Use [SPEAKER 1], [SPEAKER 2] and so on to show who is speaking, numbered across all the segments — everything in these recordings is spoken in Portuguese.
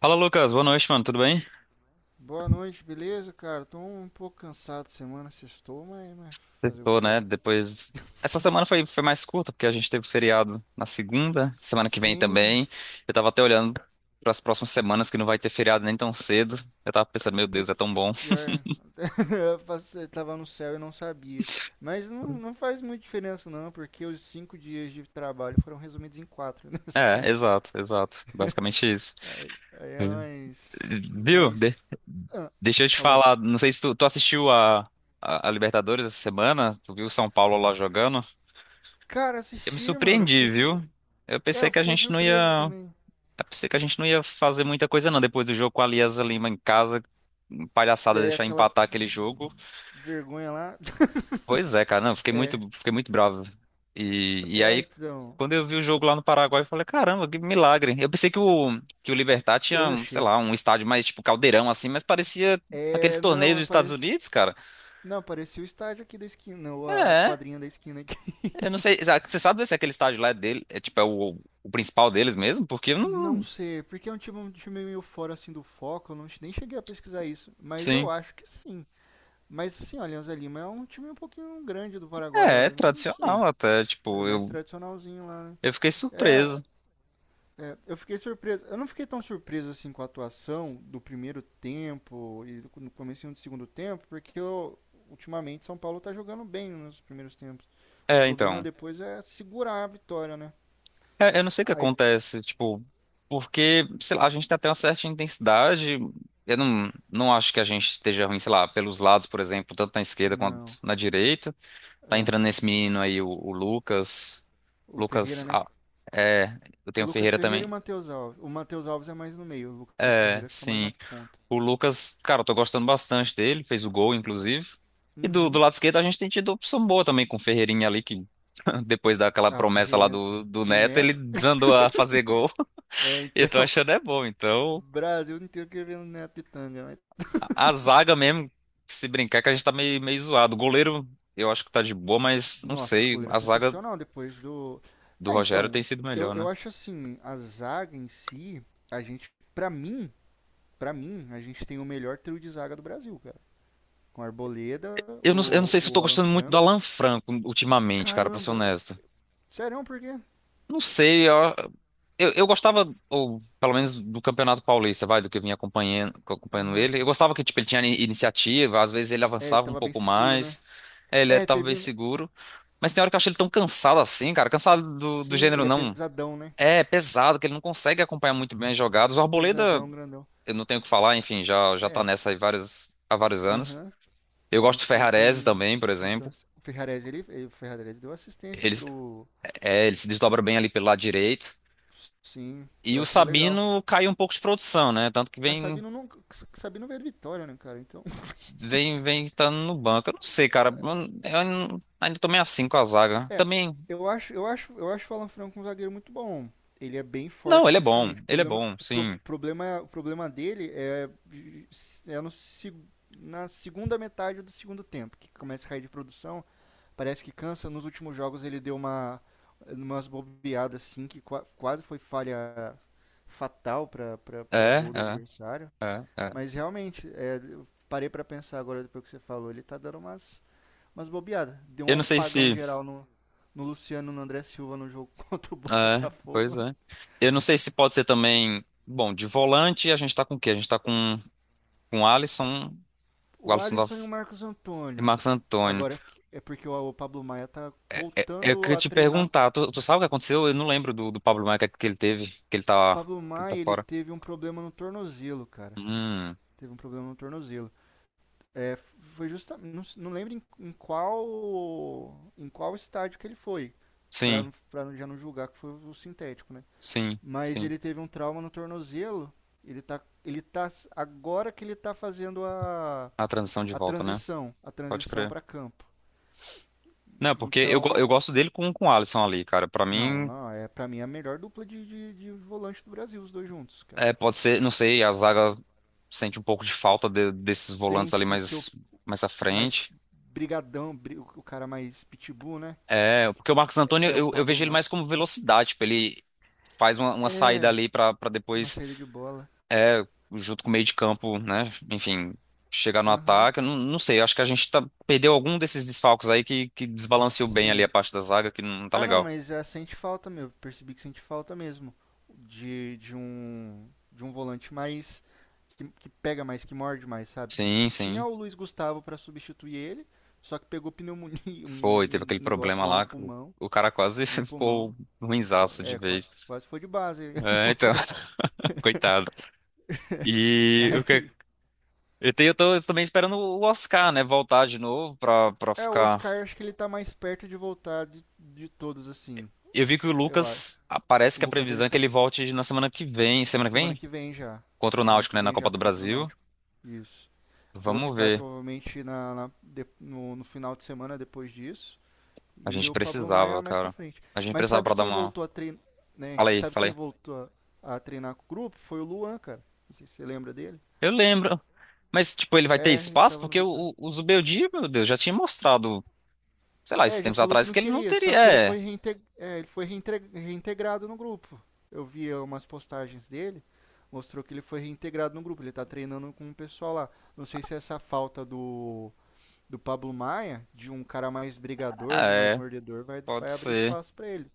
[SPEAKER 1] Fala, Lucas. Boa noite, mano. Tudo bem?
[SPEAKER 2] Boa noite, beleza, cara? Tô um pouco cansado semana, sextou, mas fazer o
[SPEAKER 1] Tô,
[SPEAKER 2] que é?
[SPEAKER 1] né? Depois. Essa semana foi mais curta, porque a gente teve feriado na segunda, semana que vem
[SPEAKER 2] Sim,
[SPEAKER 1] também. Eu tava até olhando para as próximas semanas que não vai ter feriado nem tão cedo. Eu tava pensando, meu Deus, é tão
[SPEAKER 2] putz,
[SPEAKER 1] bom.
[SPEAKER 2] pior. Tava no céu e não sabia. Mas não, não faz muita diferença não, porque os 5 dias de trabalho foram resumidos em quatro nessa
[SPEAKER 1] É,
[SPEAKER 2] semana.
[SPEAKER 1] exato, exato. Basicamente isso.
[SPEAKER 2] Aí é
[SPEAKER 1] Sim.
[SPEAKER 2] mais.
[SPEAKER 1] Viu?
[SPEAKER 2] Mas. Ah,
[SPEAKER 1] Deixa eu te
[SPEAKER 2] falei.
[SPEAKER 1] falar. Não sei se tu assistiu a Libertadores essa semana. Tu viu o São Paulo lá jogando?
[SPEAKER 2] Cara,
[SPEAKER 1] Eu me
[SPEAKER 2] assisti, mano, eu fiquei.
[SPEAKER 1] surpreendi, viu? Eu
[SPEAKER 2] É,
[SPEAKER 1] pensei
[SPEAKER 2] eu
[SPEAKER 1] que a
[SPEAKER 2] fiquei
[SPEAKER 1] gente não ia.
[SPEAKER 2] surpreso também.
[SPEAKER 1] É por isso que a gente não ia fazer muita coisa, não. Depois do jogo com a Alianza Lima em casa, palhaçada
[SPEAKER 2] Daí
[SPEAKER 1] deixar
[SPEAKER 2] aquela
[SPEAKER 1] empatar aquele jogo.
[SPEAKER 2] vergonha lá.
[SPEAKER 1] Pois é, cara, não, eu fiquei muito bravo. E
[SPEAKER 2] É,
[SPEAKER 1] aí,
[SPEAKER 2] então.
[SPEAKER 1] quando eu vi o jogo lá no Paraguai, eu falei, caramba, que milagre. Eu pensei que que o Libertad
[SPEAKER 2] Eu
[SPEAKER 1] tinha, sei
[SPEAKER 2] achei.
[SPEAKER 1] lá, um estádio mais tipo caldeirão assim, mas parecia aqueles
[SPEAKER 2] É, não,
[SPEAKER 1] torneios dos
[SPEAKER 2] mas
[SPEAKER 1] Estados
[SPEAKER 2] parece.
[SPEAKER 1] Unidos, cara.
[SPEAKER 2] Não, parecia o estádio aqui da esquina, ou a
[SPEAKER 1] É,
[SPEAKER 2] quadrinha da esquina aqui.
[SPEAKER 1] eu não sei, você sabe se aquele estádio lá é dele, é tipo, é o principal deles mesmo? Porque eu
[SPEAKER 2] Não
[SPEAKER 1] não,
[SPEAKER 2] sei, porque é um time meio fora assim do foco, eu não, nem cheguei a pesquisar isso, mas eu
[SPEAKER 1] sim.
[SPEAKER 2] acho que sim. Mas assim, olha, Alianza Lima é um time um pouquinho grande do Paraguai,
[SPEAKER 1] É,
[SPEAKER 2] ó,
[SPEAKER 1] é
[SPEAKER 2] eu não
[SPEAKER 1] tradicional
[SPEAKER 2] sei.
[SPEAKER 1] até,
[SPEAKER 2] É
[SPEAKER 1] tipo,
[SPEAKER 2] mais
[SPEAKER 1] eu,
[SPEAKER 2] tradicionalzinho lá, né?
[SPEAKER 1] eu fiquei
[SPEAKER 2] É,
[SPEAKER 1] surpreso.
[SPEAKER 2] eu fiquei surpreso. Eu não fiquei tão surpreso assim com a atuação do primeiro tempo e no comecinho do segundo tempo, porque eu, ultimamente São Paulo tá jogando bem nos primeiros tempos. O
[SPEAKER 1] É,
[SPEAKER 2] problema
[SPEAKER 1] então.
[SPEAKER 2] depois é segurar a vitória, né?
[SPEAKER 1] É, eu não sei o que
[SPEAKER 2] Aí.
[SPEAKER 1] acontece, tipo, porque, sei lá, a gente tem até uma certa intensidade. Eu não acho que a gente esteja ruim, sei lá, pelos lados, por exemplo, tanto na esquerda quanto
[SPEAKER 2] Não,
[SPEAKER 1] na direita. Tá
[SPEAKER 2] é.
[SPEAKER 1] entrando nesse menino aí, o Lucas.
[SPEAKER 2] O
[SPEAKER 1] Lucas.
[SPEAKER 2] Ferreira, né?
[SPEAKER 1] Ah, é, eu
[SPEAKER 2] O
[SPEAKER 1] tenho o
[SPEAKER 2] Lucas
[SPEAKER 1] Ferreira
[SPEAKER 2] Ferreira
[SPEAKER 1] também.
[SPEAKER 2] e o Matheus Alves. O Matheus Alves é mais no meio, o Lucas
[SPEAKER 1] É,
[SPEAKER 2] Ferreira fica mais na
[SPEAKER 1] sim.
[SPEAKER 2] ponta.
[SPEAKER 1] O Lucas, cara, eu tô gostando bastante dele, fez o gol, inclusive. E do
[SPEAKER 2] Uhum.
[SPEAKER 1] lado esquerdo a gente tem tido opção boa também com o Ferreirinha ali, que depois daquela
[SPEAKER 2] Ah, o
[SPEAKER 1] promessa lá
[SPEAKER 2] Ferreirinha
[SPEAKER 1] do
[SPEAKER 2] do
[SPEAKER 1] Neto, ele
[SPEAKER 2] Neto.
[SPEAKER 1] desandou a fazer gol.
[SPEAKER 2] É,
[SPEAKER 1] Eu
[SPEAKER 2] então,
[SPEAKER 1] tô achando é bom, então.
[SPEAKER 2] Brasil inteiro querendo o Neto de tanga. Mas.
[SPEAKER 1] A zaga mesmo, se brincar, que a gente tá meio zoado. O goleiro, eu acho que tá de boa, mas não
[SPEAKER 2] Nossa, a
[SPEAKER 1] sei.
[SPEAKER 2] coleira
[SPEAKER 1] A zaga
[SPEAKER 2] sensacional depois do.
[SPEAKER 1] do
[SPEAKER 2] É,
[SPEAKER 1] Rogério tem
[SPEAKER 2] então,
[SPEAKER 1] sido
[SPEAKER 2] eu,
[SPEAKER 1] melhor, né?
[SPEAKER 2] eu acho assim, a zaga em si, a gente, pra mim, pra mim, a gente tem o melhor trio de zaga do Brasil, cara. Com a Arboleda,
[SPEAKER 1] Eu não
[SPEAKER 2] o,
[SPEAKER 1] sei se eu tô
[SPEAKER 2] o Alan
[SPEAKER 1] gostando muito do
[SPEAKER 2] Franco.
[SPEAKER 1] Alan Franco ultimamente, cara, pra ser
[SPEAKER 2] Caramba,
[SPEAKER 1] honesto.
[SPEAKER 2] sério, por quê?
[SPEAKER 1] Não sei, eu gostava, ou pelo menos do Campeonato Paulista, vai, do que eu vinha acompanhando
[SPEAKER 2] Aham.
[SPEAKER 1] ele. Eu gostava que, tipo, ele tinha iniciativa, às vezes ele
[SPEAKER 2] É, ele
[SPEAKER 1] avançava um
[SPEAKER 2] tava bem
[SPEAKER 1] pouco
[SPEAKER 2] seguro, né?
[SPEAKER 1] mais, é, ele
[SPEAKER 2] É,
[SPEAKER 1] tava bem
[SPEAKER 2] teve, um.
[SPEAKER 1] seguro. Mas tem hora que eu achei ele tão cansado assim, cara. Cansado do
[SPEAKER 2] Sim,
[SPEAKER 1] gênero,
[SPEAKER 2] ele é
[SPEAKER 1] não.
[SPEAKER 2] pesadão, né?
[SPEAKER 1] É pesado, que ele não consegue acompanhar muito bem as jogadas. O Arboleda,
[SPEAKER 2] Pesadão, grandão.
[SPEAKER 1] eu não tenho o que falar, enfim, já tá
[SPEAKER 2] É,
[SPEAKER 1] nessa aí há vários anos.
[SPEAKER 2] aham.
[SPEAKER 1] Eu gosto
[SPEAKER 2] Não,
[SPEAKER 1] do
[SPEAKER 2] não
[SPEAKER 1] Ferrarese
[SPEAKER 2] tem
[SPEAKER 1] também, por exemplo.
[SPEAKER 2] descontança. O Ferrarese deu assistência
[SPEAKER 1] Ele,
[SPEAKER 2] pro.
[SPEAKER 1] ele se desdobra bem ali pelo lado direito.
[SPEAKER 2] Sim,
[SPEAKER 1] E
[SPEAKER 2] eu
[SPEAKER 1] o
[SPEAKER 2] achei legal.
[SPEAKER 1] Sabino caiu um pouco de produção, né? Tanto que
[SPEAKER 2] A
[SPEAKER 1] vem
[SPEAKER 2] Sabino não, Sabino veio de Vitória, né, cara? Então,
[SPEAKER 1] vem vem estando no banco. Eu não sei, cara. Eu ainda tô meio assim com a zaga.
[SPEAKER 2] é,
[SPEAKER 1] Também.
[SPEAKER 2] eu acho o Alan Franco um zagueiro muito bom. Ele é bem
[SPEAKER 1] Não,
[SPEAKER 2] forte
[SPEAKER 1] ele é bom.
[SPEAKER 2] fisicamente. O
[SPEAKER 1] Ele é
[SPEAKER 2] problema,
[SPEAKER 1] bom,
[SPEAKER 2] o pro-
[SPEAKER 1] sim.
[SPEAKER 2] problema, o problema dele é no, seg- na segunda metade do segundo tempo, que começa a cair de produção parece que cansa. Nos últimos jogos ele deu umas bobeadas assim que quase foi falha fatal para
[SPEAKER 1] É,
[SPEAKER 2] gol do
[SPEAKER 1] é,
[SPEAKER 2] adversário.
[SPEAKER 1] é, é.
[SPEAKER 2] Mas realmente, é, eu parei para pensar agora depois que você falou, ele tá dando umas bobeadas. Deu
[SPEAKER 1] Eu
[SPEAKER 2] um
[SPEAKER 1] não sei
[SPEAKER 2] pagão
[SPEAKER 1] se.
[SPEAKER 2] geral no Luciano, no André Silva no jogo contra o
[SPEAKER 1] É, pois
[SPEAKER 2] Botafogo.
[SPEAKER 1] é. Eu não sei se pode ser também. Bom, de volante a gente tá com o quê? A gente tá com o Alisson, o
[SPEAKER 2] O
[SPEAKER 1] Alisson da-
[SPEAKER 2] Alisson e o Marcos
[SPEAKER 1] e
[SPEAKER 2] Antônio.
[SPEAKER 1] Marcos Antônio.
[SPEAKER 2] Agora é porque o Pablo Maia tá
[SPEAKER 1] Eu
[SPEAKER 2] voltando
[SPEAKER 1] queria
[SPEAKER 2] a
[SPEAKER 1] te
[SPEAKER 2] treinar.
[SPEAKER 1] perguntar, tu sabe o que aconteceu? Eu não lembro do Pablo Maia que ele teve,
[SPEAKER 2] Pablo
[SPEAKER 1] que ele tá
[SPEAKER 2] Maia, ele
[SPEAKER 1] fora.
[SPEAKER 2] teve um problema no tornozelo, cara.
[SPEAKER 1] Hum,
[SPEAKER 2] Teve um problema no tornozelo. É, foi justamente. Não, não lembro em qual. Em qual estádio que ele foi. para
[SPEAKER 1] sim,
[SPEAKER 2] para já não julgar que foi o sintético, né?
[SPEAKER 1] sim,
[SPEAKER 2] Mas
[SPEAKER 1] sim.
[SPEAKER 2] ele teve um trauma no tornozelo. Ele tá. Ele tá. Agora que ele tá fazendo a.
[SPEAKER 1] A transição de
[SPEAKER 2] A
[SPEAKER 1] volta, né?
[SPEAKER 2] transição. A
[SPEAKER 1] Pode
[SPEAKER 2] transição
[SPEAKER 1] crer.
[SPEAKER 2] para campo.
[SPEAKER 1] Não, porque eu,
[SPEAKER 2] Então.
[SPEAKER 1] go- eu gosto dele com o Alisson ali, cara. Pra
[SPEAKER 2] Não,
[SPEAKER 1] mim,
[SPEAKER 2] não. É pra mim a melhor dupla de volante do Brasil, os dois juntos, cara.
[SPEAKER 1] é, pode ser, não sei, a zaga sente um pouco de falta desses volantes
[SPEAKER 2] Sente,
[SPEAKER 1] ali
[SPEAKER 2] porque o
[SPEAKER 1] mais, à
[SPEAKER 2] mais
[SPEAKER 1] frente.
[SPEAKER 2] brigadão, o cara mais pitbull, né?
[SPEAKER 1] É, porque o Marcos
[SPEAKER 2] É
[SPEAKER 1] Antônio,
[SPEAKER 2] é o
[SPEAKER 1] eu
[SPEAKER 2] Pablo
[SPEAKER 1] vejo ele
[SPEAKER 2] Maia.
[SPEAKER 1] mais como velocidade, tipo, ele faz uma saída ali pra
[SPEAKER 2] Uma
[SPEAKER 1] depois,
[SPEAKER 2] saída de bola.
[SPEAKER 1] é, junto com o meio de campo, né, enfim, chegar no
[SPEAKER 2] Aham.
[SPEAKER 1] ataque, eu não sei, eu acho que perdeu algum desses desfalques aí que desbalanceou bem ali
[SPEAKER 2] Sim.
[SPEAKER 1] a parte da zaga, que não tá
[SPEAKER 2] Ah, não,
[SPEAKER 1] legal.
[SPEAKER 2] mas é, sente falta, meu. Percebi que sente falta mesmo. De um volante mais que pega mais, que morde mais, sabe?
[SPEAKER 1] Sim,
[SPEAKER 2] Tinha
[SPEAKER 1] sim,
[SPEAKER 2] o Luiz Gustavo pra substituir ele, só que pegou pneumonia,
[SPEAKER 1] teve
[SPEAKER 2] um
[SPEAKER 1] aquele
[SPEAKER 2] negócio
[SPEAKER 1] problema
[SPEAKER 2] lá no
[SPEAKER 1] lá, que o,
[SPEAKER 2] pulmão,
[SPEAKER 1] o cara quase
[SPEAKER 2] no pulmão.
[SPEAKER 1] ficou ruinzaço de
[SPEAKER 2] É,
[SPEAKER 1] vez.
[SPEAKER 2] quase, quase foi de base.
[SPEAKER 1] É, então, coitado. E o
[SPEAKER 2] Aí,
[SPEAKER 1] que... Eu tô também esperando o Oscar, né, voltar de novo pra
[SPEAKER 2] é, o
[SPEAKER 1] ficar.
[SPEAKER 2] Oscar acho que ele tá mais perto de voltar de todos assim,
[SPEAKER 1] Eu vi que o
[SPEAKER 2] eu acho.
[SPEAKER 1] Lucas, parece
[SPEAKER 2] O
[SPEAKER 1] que a
[SPEAKER 2] Lucas ele
[SPEAKER 1] previsão é que
[SPEAKER 2] tá
[SPEAKER 1] ele volte na semana que vem. Semana que
[SPEAKER 2] semana
[SPEAKER 1] vem?
[SPEAKER 2] que vem já.
[SPEAKER 1] Contra o
[SPEAKER 2] Semana
[SPEAKER 1] Náutico,
[SPEAKER 2] que
[SPEAKER 1] né? Na
[SPEAKER 2] vem
[SPEAKER 1] Copa
[SPEAKER 2] já
[SPEAKER 1] do
[SPEAKER 2] contra o
[SPEAKER 1] Brasil.
[SPEAKER 2] Náutico. Isso. O
[SPEAKER 1] Vamos
[SPEAKER 2] Oscar
[SPEAKER 1] ver.
[SPEAKER 2] provavelmente no final de semana depois disso
[SPEAKER 1] A
[SPEAKER 2] e
[SPEAKER 1] gente
[SPEAKER 2] o Pablo
[SPEAKER 1] precisava,
[SPEAKER 2] Maia mais pra
[SPEAKER 1] cara.
[SPEAKER 2] frente.
[SPEAKER 1] A gente
[SPEAKER 2] Mas
[SPEAKER 1] precisava
[SPEAKER 2] sabe
[SPEAKER 1] pra dar
[SPEAKER 2] quem
[SPEAKER 1] uma.
[SPEAKER 2] voltou a treinar, né?
[SPEAKER 1] Fala aí,
[SPEAKER 2] Sabe
[SPEAKER 1] fala
[SPEAKER 2] quem
[SPEAKER 1] aí.
[SPEAKER 2] voltou a treinar com o grupo? Foi o Luan, cara. Não sei se você lembra dele.
[SPEAKER 1] Eu lembro. Mas, tipo, ele vai ter
[SPEAKER 2] É, ele
[SPEAKER 1] espaço?
[SPEAKER 2] tava no
[SPEAKER 1] Porque o,
[SPEAKER 2] Vitória.
[SPEAKER 1] o, o Zubeldia, meu Deus, já tinha mostrado, sei lá, esses
[SPEAKER 2] É, já
[SPEAKER 1] tempos
[SPEAKER 2] falou que
[SPEAKER 1] atrás,
[SPEAKER 2] não
[SPEAKER 1] que ele não
[SPEAKER 2] queria, só
[SPEAKER 1] teria.
[SPEAKER 2] que ele
[SPEAKER 1] É,
[SPEAKER 2] foi, reinte- é, ele foi reintre- reintegrado no grupo. Eu vi umas postagens dele, mostrou que ele foi reintegrado no grupo. Ele tá treinando com o pessoal lá. Não sei se é essa falta do Pablo Maia, de um cara mais brigador,
[SPEAKER 1] ah,
[SPEAKER 2] de mais
[SPEAKER 1] é,
[SPEAKER 2] mordedor, vai,
[SPEAKER 1] pode
[SPEAKER 2] vai abrir
[SPEAKER 1] ser.
[SPEAKER 2] espaço pra ele.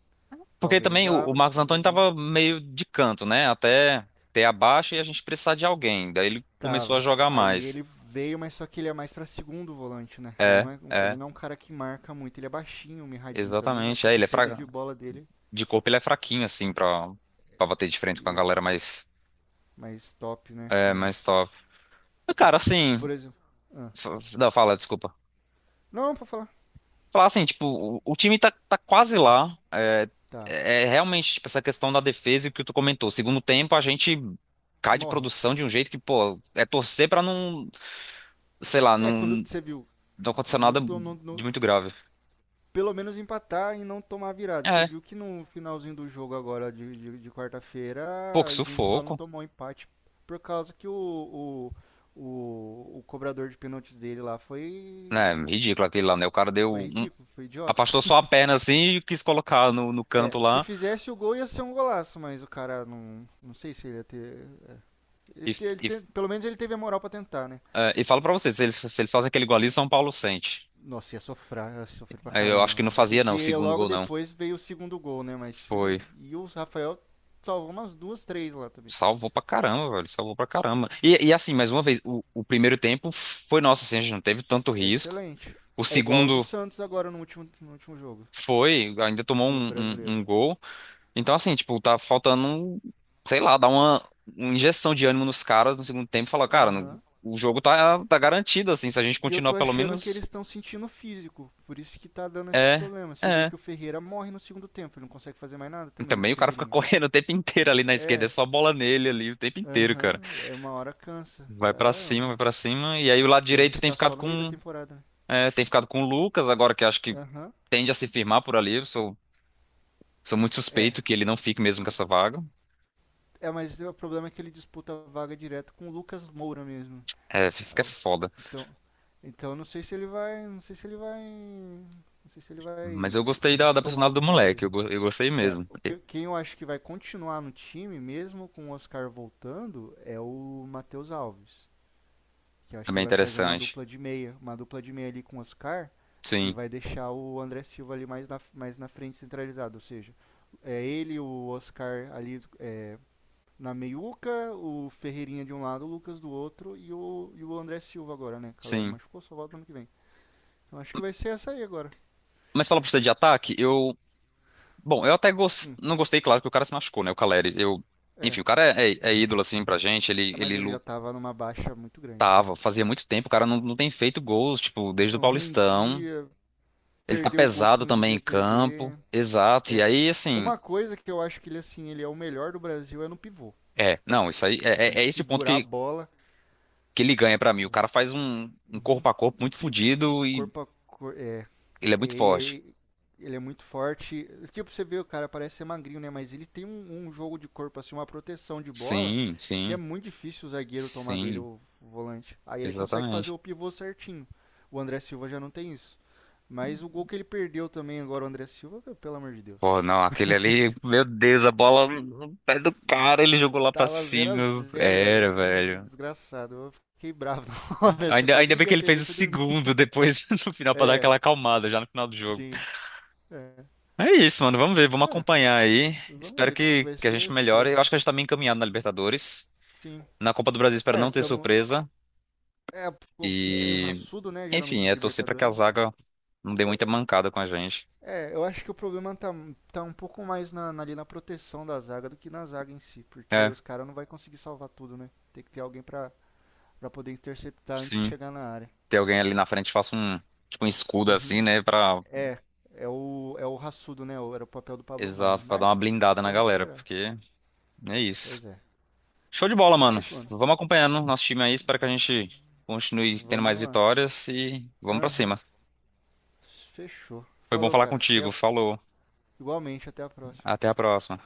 [SPEAKER 1] Porque
[SPEAKER 2] Talvez
[SPEAKER 1] também o
[SPEAKER 2] abra,
[SPEAKER 1] Marcos Antônio
[SPEAKER 2] talvez não.
[SPEAKER 1] tava meio de canto, né? Até ter a baixa e a gente precisar de alguém. Daí ele começou a
[SPEAKER 2] Tava.
[SPEAKER 1] jogar
[SPEAKER 2] Aí
[SPEAKER 1] mais.
[SPEAKER 2] ele veio, mas só que ele é mais pra segundo volante, né? Ele
[SPEAKER 1] É,
[SPEAKER 2] não é, um- ele
[SPEAKER 1] é.
[SPEAKER 2] não é um cara que marca muito. Ele é baixinho, mirradinho também, mas
[SPEAKER 1] Exatamente.
[SPEAKER 2] só que a saída de bola dele.
[SPEAKER 1] De corpo ele é fraquinho, assim, pra bater de frente com a galera
[SPEAKER 2] Isso.
[SPEAKER 1] mais,
[SPEAKER 2] Mais top, né?
[SPEAKER 1] é,
[SPEAKER 2] Mas.
[SPEAKER 1] mais top. Mas, cara,
[SPEAKER 2] Tipo,
[SPEAKER 1] assim.
[SPEAKER 2] por exemplo. Ah.
[SPEAKER 1] Não, fala, desculpa.
[SPEAKER 2] Não, pra falar.
[SPEAKER 1] Falar assim, tipo, o time tá, quase lá. É,
[SPEAKER 2] Tá.
[SPEAKER 1] é é realmente, tipo, essa questão da defesa e o que tu comentou. Segundo tempo, a gente cai de
[SPEAKER 2] Morre.
[SPEAKER 1] produção de um jeito que, pô, é torcer pra não, sei lá,
[SPEAKER 2] É,
[SPEAKER 1] não,
[SPEAKER 2] quando você viu.
[SPEAKER 1] não acontecer
[SPEAKER 2] No,
[SPEAKER 1] nada
[SPEAKER 2] to- no,
[SPEAKER 1] de
[SPEAKER 2] no,
[SPEAKER 1] muito grave.
[SPEAKER 2] pelo menos empatar e não tomar virada. Você
[SPEAKER 1] É,
[SPEAKER 2] viu que no finalzinho do jogo agora de
[SPEAKER 1] pô,
[SPEAKER 2] quarta-feira
[SPEAKER 1] que
[SPEAKER 2] a gente só não
[SPEAKER 1] sufoco.
[SPEAKER 2] tomou empate por causa que o cobrador de pênaltis dele lá
[SPEAKER 1] É,
[SPEAKER 2] foi
[SPEAKER 1] ridículo aquele lá, né? O cara deu.
[SPEAKER 2] foi ridículo, foi idiota.
[SPEAKER 1] Afastou só a perna assim e quis colocar no,
[SPEAKER 2] É,
[SPEAKER 1] canto
[SPEAKER 2] se
[SPEAKER 1] lá.
[SPEAKER 2] fizesse o gol ia ser um golaço, mas o cara não. Não sei se ele ia ter. Ele,
[SPEAKER 1] E,
[SPEAKER 2] te- ele
[SPEAKER 1] e,
[SPEAKER 2] te- pelo menos ele teve a moral pra tentar, né?
[SPEAKER 1] e falo pra vocês, se eles fazem aquele gol ali, São Paulo sente.
[SPEAKER 2] Nossa, ia sofrer pra
[SPEAKER 1] Eu
[SPEAKER 2] caramba,
[SPEAKER 1] acho que
[SPEAKER 2] mano.
[SPEAKER 1] não
[SPEAKER 2] É
[SPEAKER 1] fazia, não, o
[SPEAKER 2] porque
[SPEAKER 1] segundo
[SPEAKER 2] logo
[SPEAKER 1] gol, não.
[SPEAKER 2] depois veio o segundo gol, né? Mas se
[SPEAKER 1] Foi.
[SPEAKER 2] não- e o Rafael salvou umas duas, três lá também.
[SPEAKER 1] Salvou pra caramba, velho. Salvou pra caramba. E assim, mais uma vez, o primeiro tempo foi nosso, assim, a gente não teve tanto risco.
[SPEAKER 2] Excelente.
[SPEAKER 1] O
[SPEAKER 2] É igual o do
[SPEAKER 1] segundo
[SPEAKER 2] Santos agora no último jogo,
[SPEAKER 1] ainda tomou
[SPEAKER 2] no
[SPEAKER 1] um, um,
[SPEAKER 2] brasileiro.
[SPEAKER 1] um gol. Então, assim, tipo, tá faltando, um- sei lá, dar uma injeção de ânimo nos caras no segundo tempo e falar, cara,
[SPEAKER 2] Aham.
[SPEAKER 1] o jogo tá garantido, assim, se a gente
[SPEAKER 2] E eu
[SPEAKER 1] continuar
[SPEAKER 2] tô
[SPEAKER 1] pelo
[SPEAKER 2] achando que eles
[SPEAKER 1] menos.
[SPEAKER 2] estão sentindo o físico, por isso que tá dando esse
[SPEAKER 1] É.
[SPEAKER 2] problema. Você vê
[SPEAKER 1] É.
[SPEAKER 2] que o Ferreira morre no segundo tempo, ele não consegue fazer mais nada também, o
[SPEAKER 1] Também o cara fica
[SPEAKER 2] Ferreirinha.
[SPEAKER 1] correndo o tempo inteiro ali na esquerda, é
[SPEAKER 2] É,
[SPEAKER 1] só bola nele ali o tempo inteiro, cara.
[SPEAKER 2] aham, é uma hora cansa.
[SPEAKER 1] Vai pra
[SPEAKER 2] É,
[SPEAKER 1] cima, vai pra cima. E aí o lado
[SPEAKER 2] e a
[SPEAKER 1] direito
[SPEAKER 2] gente
[SPEAKER 1] tem
[SPEAKER 2] tá
[SPEAKER 1] ficado
[SPEAKER 2] só no meio da temporada, né?
[SPEAKER 1] tem ficado com o Lucas agora, que acho que
[SPEAKER 2] Aham.
[SPEAKER 1] tende a se firmar por ali. Eu sou muito
[SPEAKER 2] É,
[SPEAKER 1] suspeito que ele não fique mesmo com essa vaga.
[SPEAKER 2] É, mas o problema é que ele disputa a vaga direto com o Lucas Moura mesmo.
[SPEAKER 1] É, isso
[SPEAKER 2] Aí
[SPEAKER 1] que é
[SPEAKER 2] eu-
[SPEAKER 1] foda.
[SPEAKER 2] Então, então, não sei se ele vai, não sei se ele vai, não sei se ele
[SPEAKER 1] Mas eu
[SPEAKER 2] vai
[SPEAKER 1] gostei
[SPEAKER 2] eh,
[SPEAKER 1] da
[SPEAKER 2] tomar a
[SPEAKER 1] personalidade do
[SPEAKER 2] vaga dele.
[SPEAKER 1] moleque, eu gostei
[SPEAKER 2] É,
[SPEAKER 1] mesmo.
[SPEAKER 2] o
[SPEAKER 1] É
[SPEAKER 2] que, quem eu acho que vai continuar no time mesmo com o Oscar voltando é o Matheus Alves, que eu acho
[SPEAKER 1] bem
[SPEAKER 2] que vai fazer uma
[SPEAKER 1] interessante.
[SPEAKER 2] dupla de meia, uma dupla de meia ali com o Oscar e
[SPEAKER 1] Sim,
[SPEAKER 2] vai deixar o André Silva ali mais na frente centralizado, ou seja, é ele, o Oscar ali, é, na meiuca, o Ferreirinha de um lado, o Lucas do outro e o André Silva agora, né? Caleri
[SPEAKER 1] sim.
[SPEAKER 2] machucou, só volta ano que vem. Então acho que vai ser essa aí agora.
[SPEAKER 1] Mas fala pra você de ataque, eu. Bom, eu até
[SPEAKER 2] Hum,
[SPEAKER 1] não gostei, claro, que o cara se machucou, né? O Caleri. Eu...
[SPEAKER 2] é.
[SPEAKER 1] Enfim, o cara é, é ídolo, assim, pra gente.
[SPEAKER 2] Ah, mas ele já tava numa baixa muito grande, cara.
[SPEAKER 1] Tava, fazia muito tempo, o cara não tem feito gols, tipo, desde o
[SPEAKER 2] Não
[SPEAKER 1] Paulistão.
[SPEAKER 2] rendia,
[SPEAKER 1] Ele tá
[SPEAKER 2] perdeu o gol que
[SPEAKER 1] pesado
[SPEAKER 2] não
[SPEAKER 1] também em
[SPEAKER 2] devia
[SPEAKER 1] campo.
[SPEAKER 2] perder.
[SPEAKER 1] Exato. E
[SPEAKER 2] É.
[SPEAKER 1] aí, assim,
[SPEAKER 2] Uma coisa que eu acho que ele, assim, ele é o melhor do Brasil é no pivô.
[SPEAKER 1] é, não, isso aí é,
[SPEAKER 2] Tipo, ele
[SPEAKER 1] é esse o ponto
[SPEAKER 2] segurar a
[SPEAKER 1] que,
[SPEAKER 2] bola.
[SPEAKER 1] que ele ganha pra mim. O cara faz um
[SPEAKER 2] Uhum.
[SPEAKER 1] corpo a corpo
[SPEAKER 2] Um
[SPEAKER 1] muito fodido e
[SPEAKER 2] corpo a corpo. É.
[SPEAKER 1] ele é muito forte.
[SPEAKER 2] E- ele é muito forte. Tipo, você vê o cara, parece ser magrinho, né? Mas ele tem um jogo de corpo, assim, uma proteção de bola,
[SPEAKER 1] Sim,
[SPEAKER 2] que é
[SPEAKER 1] sim,
[SPEAKER 2] muito difícil o zagueiro tomar dele
[SPEAKER 1] sim,
[SPEAKER 2] o volante. Aí ele consegue fazer
[SPEAKER 1] exatamente.
[SPEAKER 2] o pivô certinho. O André Silva já não tem isso. Mas o gol que ele perdeu também agora, o André Silva, meu, pelo amor de Deus.
[SPEAKER 1] Pô, não, aquele ali, meu Deus, a bola
[SPEAKER 2] E,
[SPEAKER 1] no pé do
[SPEAKER 2] e
[SPEAKER 1] cara, ele jogou lá pra
[SPEAKER 2] tava
[SPEAKER 1] cima.
[SPEAKER 2] 0x0,
[SPEAKER 1] Era,
[SPEAKER 2] cara.
[SPEAKER 1] velho.
[SPEAKER 2] Desgraçado. Eu fiquei bravo na hora, assim, eu
[SPEAKER 1] Ainda,
[SPEAKER 2] quase
[SPEAKER 1] ainda bem
[SPEAKER 2] desliguei
[SPEAKER 1] que
[SPEAKER 2] a
[SPEAKER 1] ele
[SPEAKER 2] TV
[SPEAKER 1] fez
[SPEAKER 2] e
[SPEAKER 1] o
[SPEAKER 2] fui dormir.
[SPEAKER 1] segundo depois no final pra dar
[SPEAKER 2] É,
[SPEAKER 1] aquela acalmada já no final do jogo.
[SPEAKER 2] sim. É.
[SPEAKER 1] É isso, mano. Vamos ver, vamos
[SPEAKER 2] É.
[SPEAKER 1] acompanhar aí.
[SPEAKER 2] Vamos
[SPEAKER 1] Espero
[SPEAKER 2] ver como é que
[SPEAKER 1] que,
[SPEAKER 2] vai
[SPEAKER 1] que a gente
[SPEAKER 2] ser.
[SPEAKER 1] melhore. Eu
[SPEAKER 2] Próximo.
[SPEAKER 1] acho que a gente tá bem encaminhado na Libertadores.
[SPEAKER 2] Sim.
[SPEAKER 1] Na Copa do Brasil, espero
[SPEAKER 2] É,
[SPEAKER 1] não ter
[SPEAKER 2] tamo.
[SPEAKER 1] surpresa.
[SPEAKER 2] É um time
[SPEAKER 1] E,
[SPEAKER 2] raçudo, né? Geralmente
[SPEAKER 1] enfim,
[SPEAKER 2] de
[SPEAKER 1] é torcer pra que a
[SPEAKER 2] Libertadores, então.
[SPEAKER 1] zaga não dê muita mancada com a gente.
[SPEAKER 2] É, eu acho que o problema tá um pouco mais ali na proteção da zaga do que na zaga em si, porque
[SPEAKER 1] É,
[SPEAKER 2] os caras não vai conseguir salvar tudo, né? Tem que ter alguém pra poder interceptar antes de
[SPEAKER 1] sim.
[SPEAKER 2] chegar na área.
[SPEAKER 1] Ter alguém ali na frente que faça um, tipo, um escudo
[SPEAKER 2] Uhum.
[SPEAKER 1] assim, né?
[SPEAKER 2] É, é o raçudo, né? Era o papel do Pablo Maia.
[SPEAKER 1] Exato, pra dar
[SPEAKER 2] Mas
[SPEAKER 1] uma blindada na
[SPEAKER 2] vamos
[SPEAKER 1] galera,
[SPEAKER 2] esperar.
[SPEAKER 1] porque é isso.
[SPEAKER 2] Pois é.
[SPEAKER 1] Show de bola,
[SPEAKER 2] É
[SPEAKER 1] mano.
[SPEAKER 2] isso, mano.
[SPEAKER 1] Vamos acompanhando nosso time aí. Espero que a gente continue tendo
[SPEAKER 2] Vamos
[SPEAKER 1] mais
[SPEAKER 2] indo lá.
[SPEAKER 1] vitórias e vamos pra
[SPEAKER 2] Aham.
[SPEAKER 1] cima.
[SPEAKER 2] Fechou.
[SPEAKER 1] Foi bom
[SPEAKER 2] Falou,
[SPEAKER 1] falar
[SPEAKER 2] cara.
[SPEAKER 1] contigo. Falou.
[SPEAKER 2] Igualmente, até a próxima.
[SPEAKER 1] Até a próxima.